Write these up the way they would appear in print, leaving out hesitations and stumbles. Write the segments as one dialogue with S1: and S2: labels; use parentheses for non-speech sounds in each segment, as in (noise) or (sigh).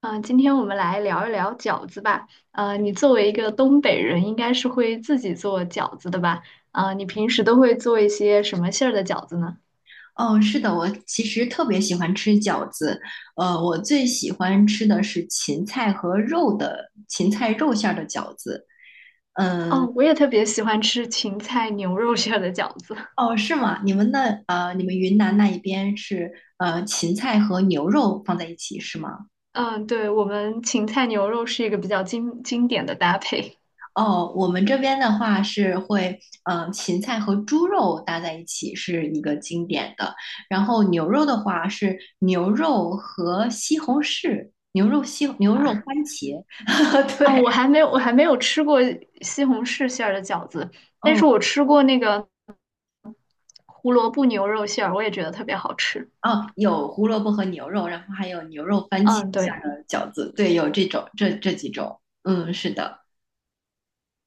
S1: 今天我们来聊一聊饺子吧。你作为一个东北人，应该是会自己做饺子的吧？啊，你平时都会做一些什么馅儿的饺子呢？
S2: 哦，是的，我其实特别喜欢吃饺子，我最喜欢吃的是芹菜和肉的芹菜肉馅儿的饺子。
S1: 哦，
S2: 嗯。
S1: 我也特别喜欢吃芹菜牛肉馅儿的饺子。(laughs)
S2: 哦，是吗？你们那你们云南那一边是呃芹菜和牛肉放在一起是吗？
S1: 嗯，对，我们芹菜牛肉是一个比较经典的搭配。
S2: 哦，我们这边的话是会呃芹菜和猪肉搭在一起是一个经典的，然后牛肉的话是牛肉和西红柿，牛肉
S1: (laughs)
S2: 番茄。(laughs)
S1: 哦，
S2: 对。
S1: 我还没有吃过西红柿馅儿的饺子，但是
S2: 嗯。
S1: 我吃过那个胡萝卜牛肉馅儿，我也觉得特别好吃。
S2: 哦，有胡萝卜和牛肉，然后还有牛肉番茄
S1: 嗯，
S2: 下
S1: 对。
S2: 的饺子，对，有这种这几种，嗯，是的。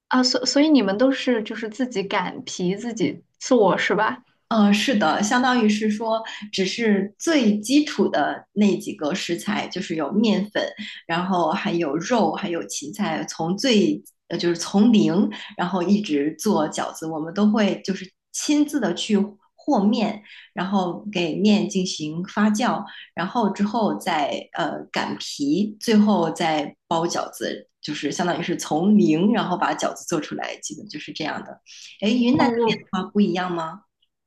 S1: 啊，所以你们都是就是自己擀皮自己做是吧？
S2: 是的，相当于是说，只是最基础的那几个食材，就是有面粉，然后还有肉，还有芹菜，从最就是从零，然后一直做饺子，我们都会就是亲自的去和面，然后给面进行发酵，然后之后再擀皮，最后再包饺子，就是相当于是从零，然后把饺子做出来，基本就是这样的。哎，云
S1: 哦，
S2: 南那边
S1: 我
S2: 的话不一样吗？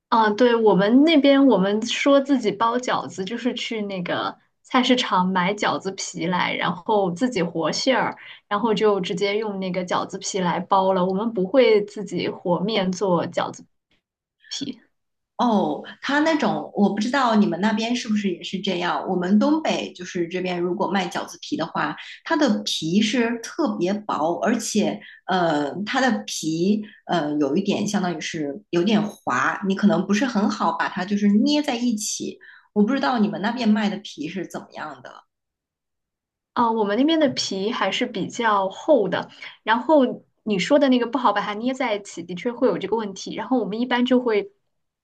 S1: 啊，对，我们那边我们说自己包饺子，就是去那个菜市场买饺子皮来，然后自己和馅儿，然后就直接用那个饺子皮来包了。我们不会自己和面做饺子皮。
S2: 哦，他那种我不知道你们那边是不是也是这样。我们东北就是这边，如果卖饺子皮的话，它的皮是特别薄，而且它的皮有一点相当于是有点滑，你可能不是很好把它就是捏在一起。我不知道你们那边卖的皮是怎么样的。
S1: 啊、我们那边的皮还是比较厚的，然后你说的那个不好把它捏在一起，的确会有这个问题。然后我们一般就会，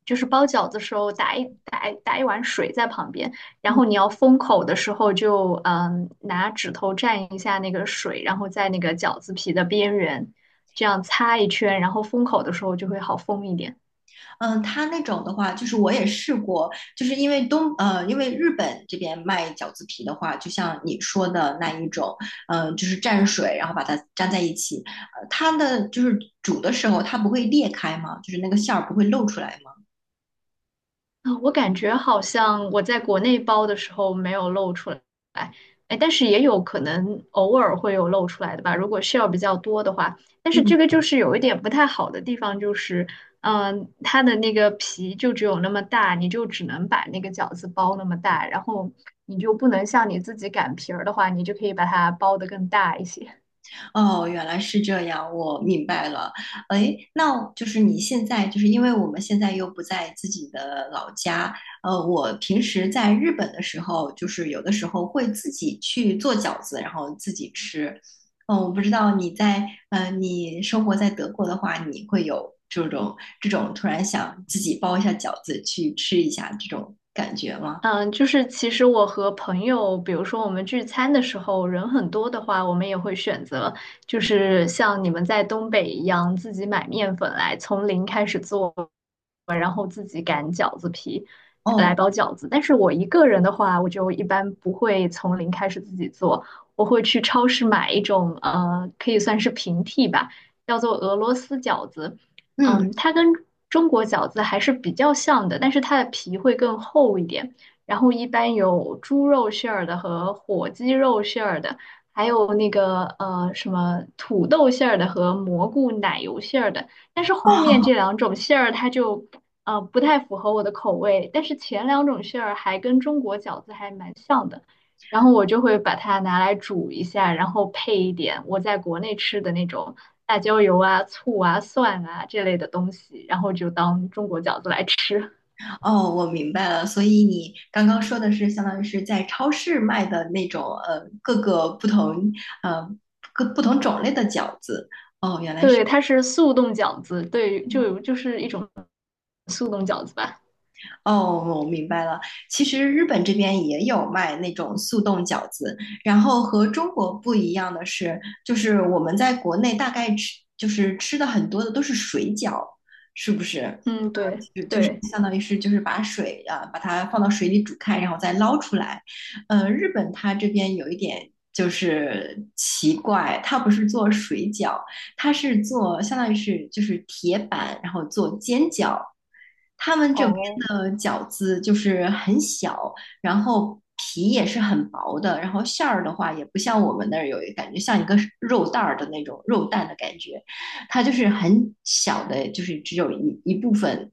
S1: 就是包饺子的时候打一碗水在旁边，然后你要封口的时候就拿指头蘸一下那个水，然后在那个饺子皮的边缘这样擦一圈，然后封口的时候就会好封一点。
S2: 嗯，它那种的话，就是我也试过，就是因为因为日本这边卖饺子皮的话，就像你说的那一种，嗯，就是蘸水，然后把它粘在一起，它的就是煮的时候它不会裂开吗？就是那个馅儿不会露出来吗？
S1: 啊，我感觉好像我在国内包的时候没有露出来，哎，但是也有可能偶尔会有露出来的吧，如果 share 比较多的话。但是这个就是有一点不太好的地方，就是，嗯、它的那个皮就只有那么大，你就只能把那个饺子包那么大，然后你就不能像你自己擀皮儿的话，你就可以把它包的更大一些。
S2: 哦，原来是这样，我明白了。哎，那就是你现在，就是因为我们现在又不在自己的老家，我平时在日本的时候，就是有的时候会自己去做饺子，然后自己吃。嗯，我不知道你在，你生活在德国的话，你会有这种突然想自己包一下饺子去吃一下这种感觉吗？
S1: 嗯，就是其实我和朋友，比如说我们聚餐的时候，人很多的话，我们也会选择，就是像你们在东北一样，自己买面粉来，从零开始做，来
S2: 哦。
S1: 包饺子。但是我一个人的话，我就一般不会从零开始自己做，我会去超市买一种可以算是平替吧，叫做俄罗斯饺子。
S2: 嗯。
S1: 嗯，它跟中国饺子还是比较像的，但是它的皮会更厚一点。然后一般有猪肉馅儿的和火鸡肉馅儿的，还有那个呃什么土豆馅儿的和蘑菇奶油馅儿的。但是后面
S2: (laughs)
S1: 这两种馅儿它就不太符合我的口味，但是前两种馅儿还跟中国饺子还蛮像的，然后我就会把它拿来煮一下，然后配一点我在国内吃的那种辣椒油啊、醋啊、蒜啊这类的东西，然后就当中国饺子来吃。
S2: 哦，我明白了。所以你刚刚说的是，相当于是在超市卖的那种，呃，各个不同，呃，各不同种类的饺子。哦，原
S1: (laughs)
S2: 来是。
S1: 对，它是速冻饺子，对，就是一种速冻饺子吧。
S2: 哦，我明白了。其实日本这边也有卖那种速冻饺子，然后和中国不一样的是，就是我们在国内大概吃，就是吃的很多的都是水饺，是不是？啊
S1: 嗯，对
S2: 就是
S1: 对，
S2: 相当于是就是把水啊，把它放到水里煮开，然后再捞出来。日本它这边有一点就是奇怪，它不是做水饺，他是做相当于是就是铁板，然后做煎饺。他们这边
S1: 哦，
S2: 的饺子就是很小，然后皮也是很薄的，然后馅儿的话也不像我们那儿有感觉像一个肉蛋儿的那种肉蛋的感觉，它就是很小的，就是只有一部分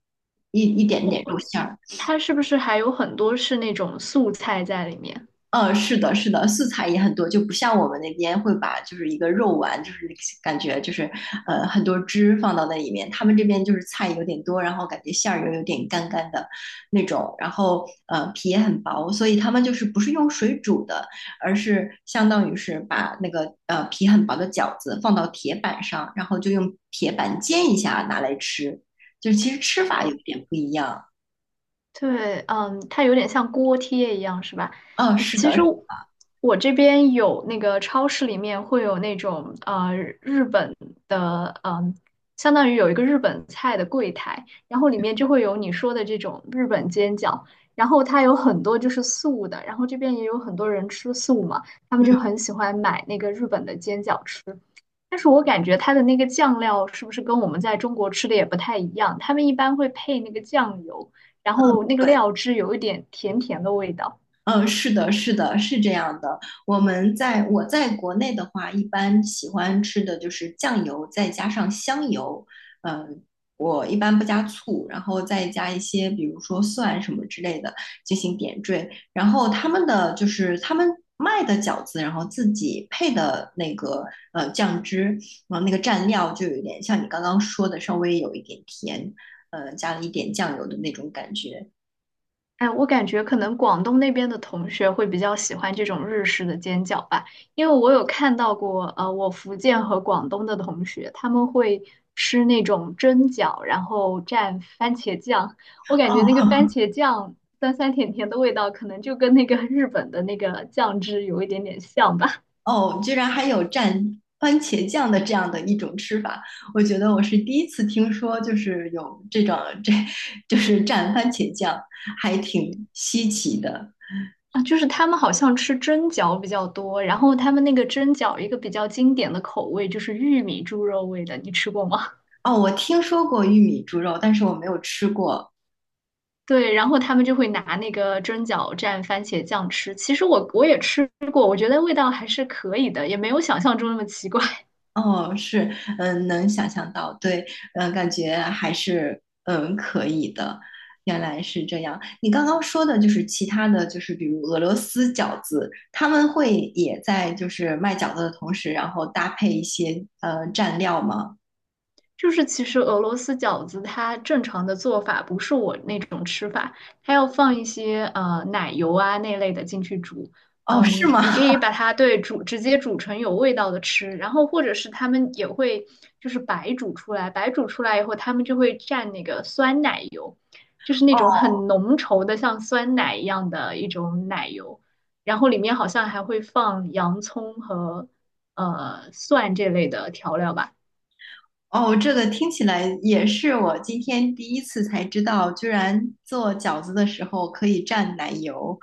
S2: 一一点
S1: 我
S2: 点肉
S1: 我
S2: 馅儿。
S1: 它是不是还有很多是那种素菜在里面？
S2: 嗯，是的，是的，素菜也很多，就不像我们那边会把就是一个肉丸，就是感觉就是很多汁放到那里面，他们这边就是菜有点多，然后感觉馅儿又有点干干的那种，然后皮也很薄，所以他们就是不是用水煮的，而是相当于是把那个皮很薄的饺子放到铁板上，然后就用铁板煎一下拿来吃，就是其实吃法有点不一样。
S1: 对，嗯，它有点像锅贴一样，是吧？
S2: 嗯，
S1: 嗯
S2: 是
S1: 其
S2: 的，
S1: 实我我这边有那个超市里面会有那种日本的，嗯，相当于有一个日本菜的柜台，然后里面就会有你说的这种日本煎饺，然后它有很多就是素的，然后这边也有很多人吃素嘛，他们
S2: 嗯，
S1: 就很喜欢买那个日本的煎饺吃。但是我感觉它的那个酱料是不是跟我们在中国吃的也不太一样？他们一般会配那个酱油。然后那个
S2: 对。
S1: 料汁有一点甜甜的味道。
S2: 嗯，是的，是的，是这样的。我们在我在国内的话，一般喜欢吃的就是酱油，再加上香油。嗯，我一般不加醋，然后再加一些，比如说蒜什么之类的进行点缀。然后他们的就是他们卖的饺子，然后自己配的那个酱汁，然后那个蘸料就有点像你刚刚说的，稍微有一点甜，加了一点酱油的那种感觉。
S1: 哎，我感觉可能广东那边的同学会比较喜欢这种日式的煎饺吧，因为我有看到过，我福建和广东的同学他们会吃那种蒸饺，然后蘸番茄酱，我感觉那个番
S2: 哦。
S1: 茄酱酸酸甜甜的味道，可能就跟那个日本的那个酱汁有一点点像吧。
S2: 哦，居然还有蘸番茄酱的这样的一种吃法，我觉得我是第一次听说，就是有这种这，就是蘸番茄酱，还挺稀奇的。
S1: 啊，就是他们好像吃蒸饺比较多，然后他们那个蒸饺一个比较经典的口味就是玉米猪肉味的，你吃过吗？
S2: 哦，我听说过玉米猪肉，但是我没有吃过。
S1: (laughs) 对，然后他们就会拿那个蒸饺蘸番茄酱吃。其实我也吃过，我觉得味道还是可以的，也没有想象中那么奇怪。
S2: 哦，是，嗯，能想象到，对，嗯，感觉还是嗯可以的，原来是这样。你刚刚说的就是其他的就是比如俄罗斯饺子，他们会也在就是卖饺子的同时，然后搭配一些蘸料吗？
S1: 就是其实俄罗斯饺子它正常的做法不是我那种吃法，它要放一些奶油啊那类的进去煮。
S2: 哦，是
S1: 嗯，
S2: 吗？
S1: 你可以把它直接煮成有味道的吃，然后或者是他们也会就是白煮出来，白煮出来以后他们就会蘸那个酸奶油，就是那种很浓稠的像酸奶一样的一种奶油，然后里面好像还会放洋葱和蒜这类的调料吧。
S2: 哦，这个听起来也是我今天第一次才知道，居然做饺子的时候可以蘸奶油，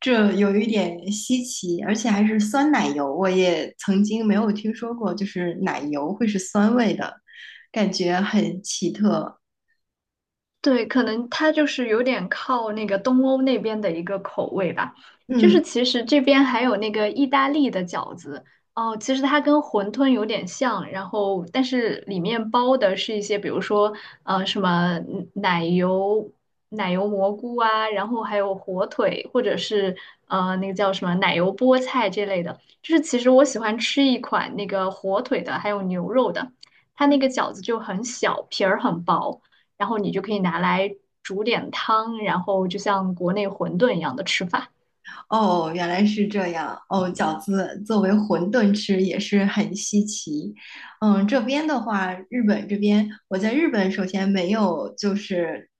S2: 这有一点稀奇，而且还是酸奶油，我也曾经没有听说过，就是奶油会是酸味的，感觉很奇特。
S1: 对，可能它就是有点靠那个东欧那边的一个口味吧。就
S2: 嗯。
S1: 是其实这边还有那个意大利的饺子哦，其实它跟馄饨有点像，然后但是里面包的是一些，比如说呃什么嗯奶油蘑菇啊，然后还有火腿，或者是呃那个叫什么奶油菠菜这类的。就是其实我喜欢吃一款那个火腿的，还有牛肉的，它那个饺子就很小，皮儿很薄。然后你就可以拿来煮点汤，然后就像国内馄饨一样的吃法。
S2: 哦，原来是这样。哦，饺子作为馄饨吃也是很稀奇。嗯，这边的话，日本这边，我在日本首先没有就是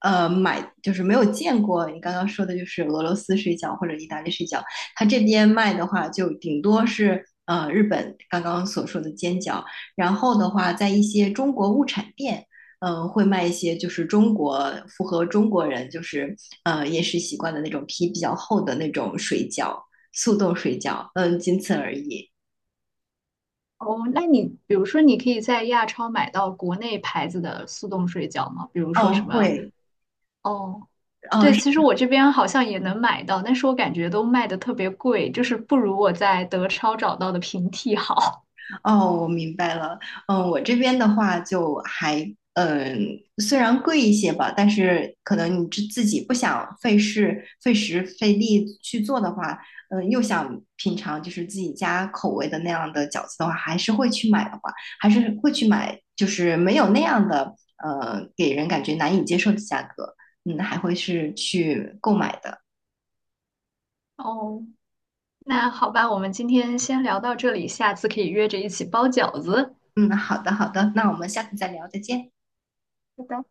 S2: 买，就是没有见过你刚刚说的，就是俄罗斯水饺或者意大利水饺。它这边卖的话，就顶多是日本刚刚所说的煎饺，然后的话，在一些中国物产店。嗯，会卖一些就是中国符合中国人就是饮食习惯的那种皮比较厚的那种水饺，速冻水饺，嗯，仅此而已。
S1: 哦，那你比如说，你可以在亚超买到国内牌子的速冻水饺吗？比如说
S2: 哦，
S1: 什么？
S2: 会。
S1: 哦，
S2: 哦。
S1: 对，其实我这边好像也能买到，但是我感觉都卖的特别贵，就是不如我在德超找到的平替好。
S2: 哦，我明白了。嗯，我这边的话就还，嗯，虽然贵一些吧，但是可能你自己不想费事、费时、费力去做的话，嗯，又想品尝就是自己家口味的那样的饺子的话，还是会去买的话，还是会去买，就是没有那样的，给人感觉难以接受的价格，嗯，还会是去购买的。
S1: 哦，那好吧，我们今天先聊到这里，下次可以约着一起包饺子。
S2: 嗯，好的，好的，那我们下次再聊，再见。
S1: 好的。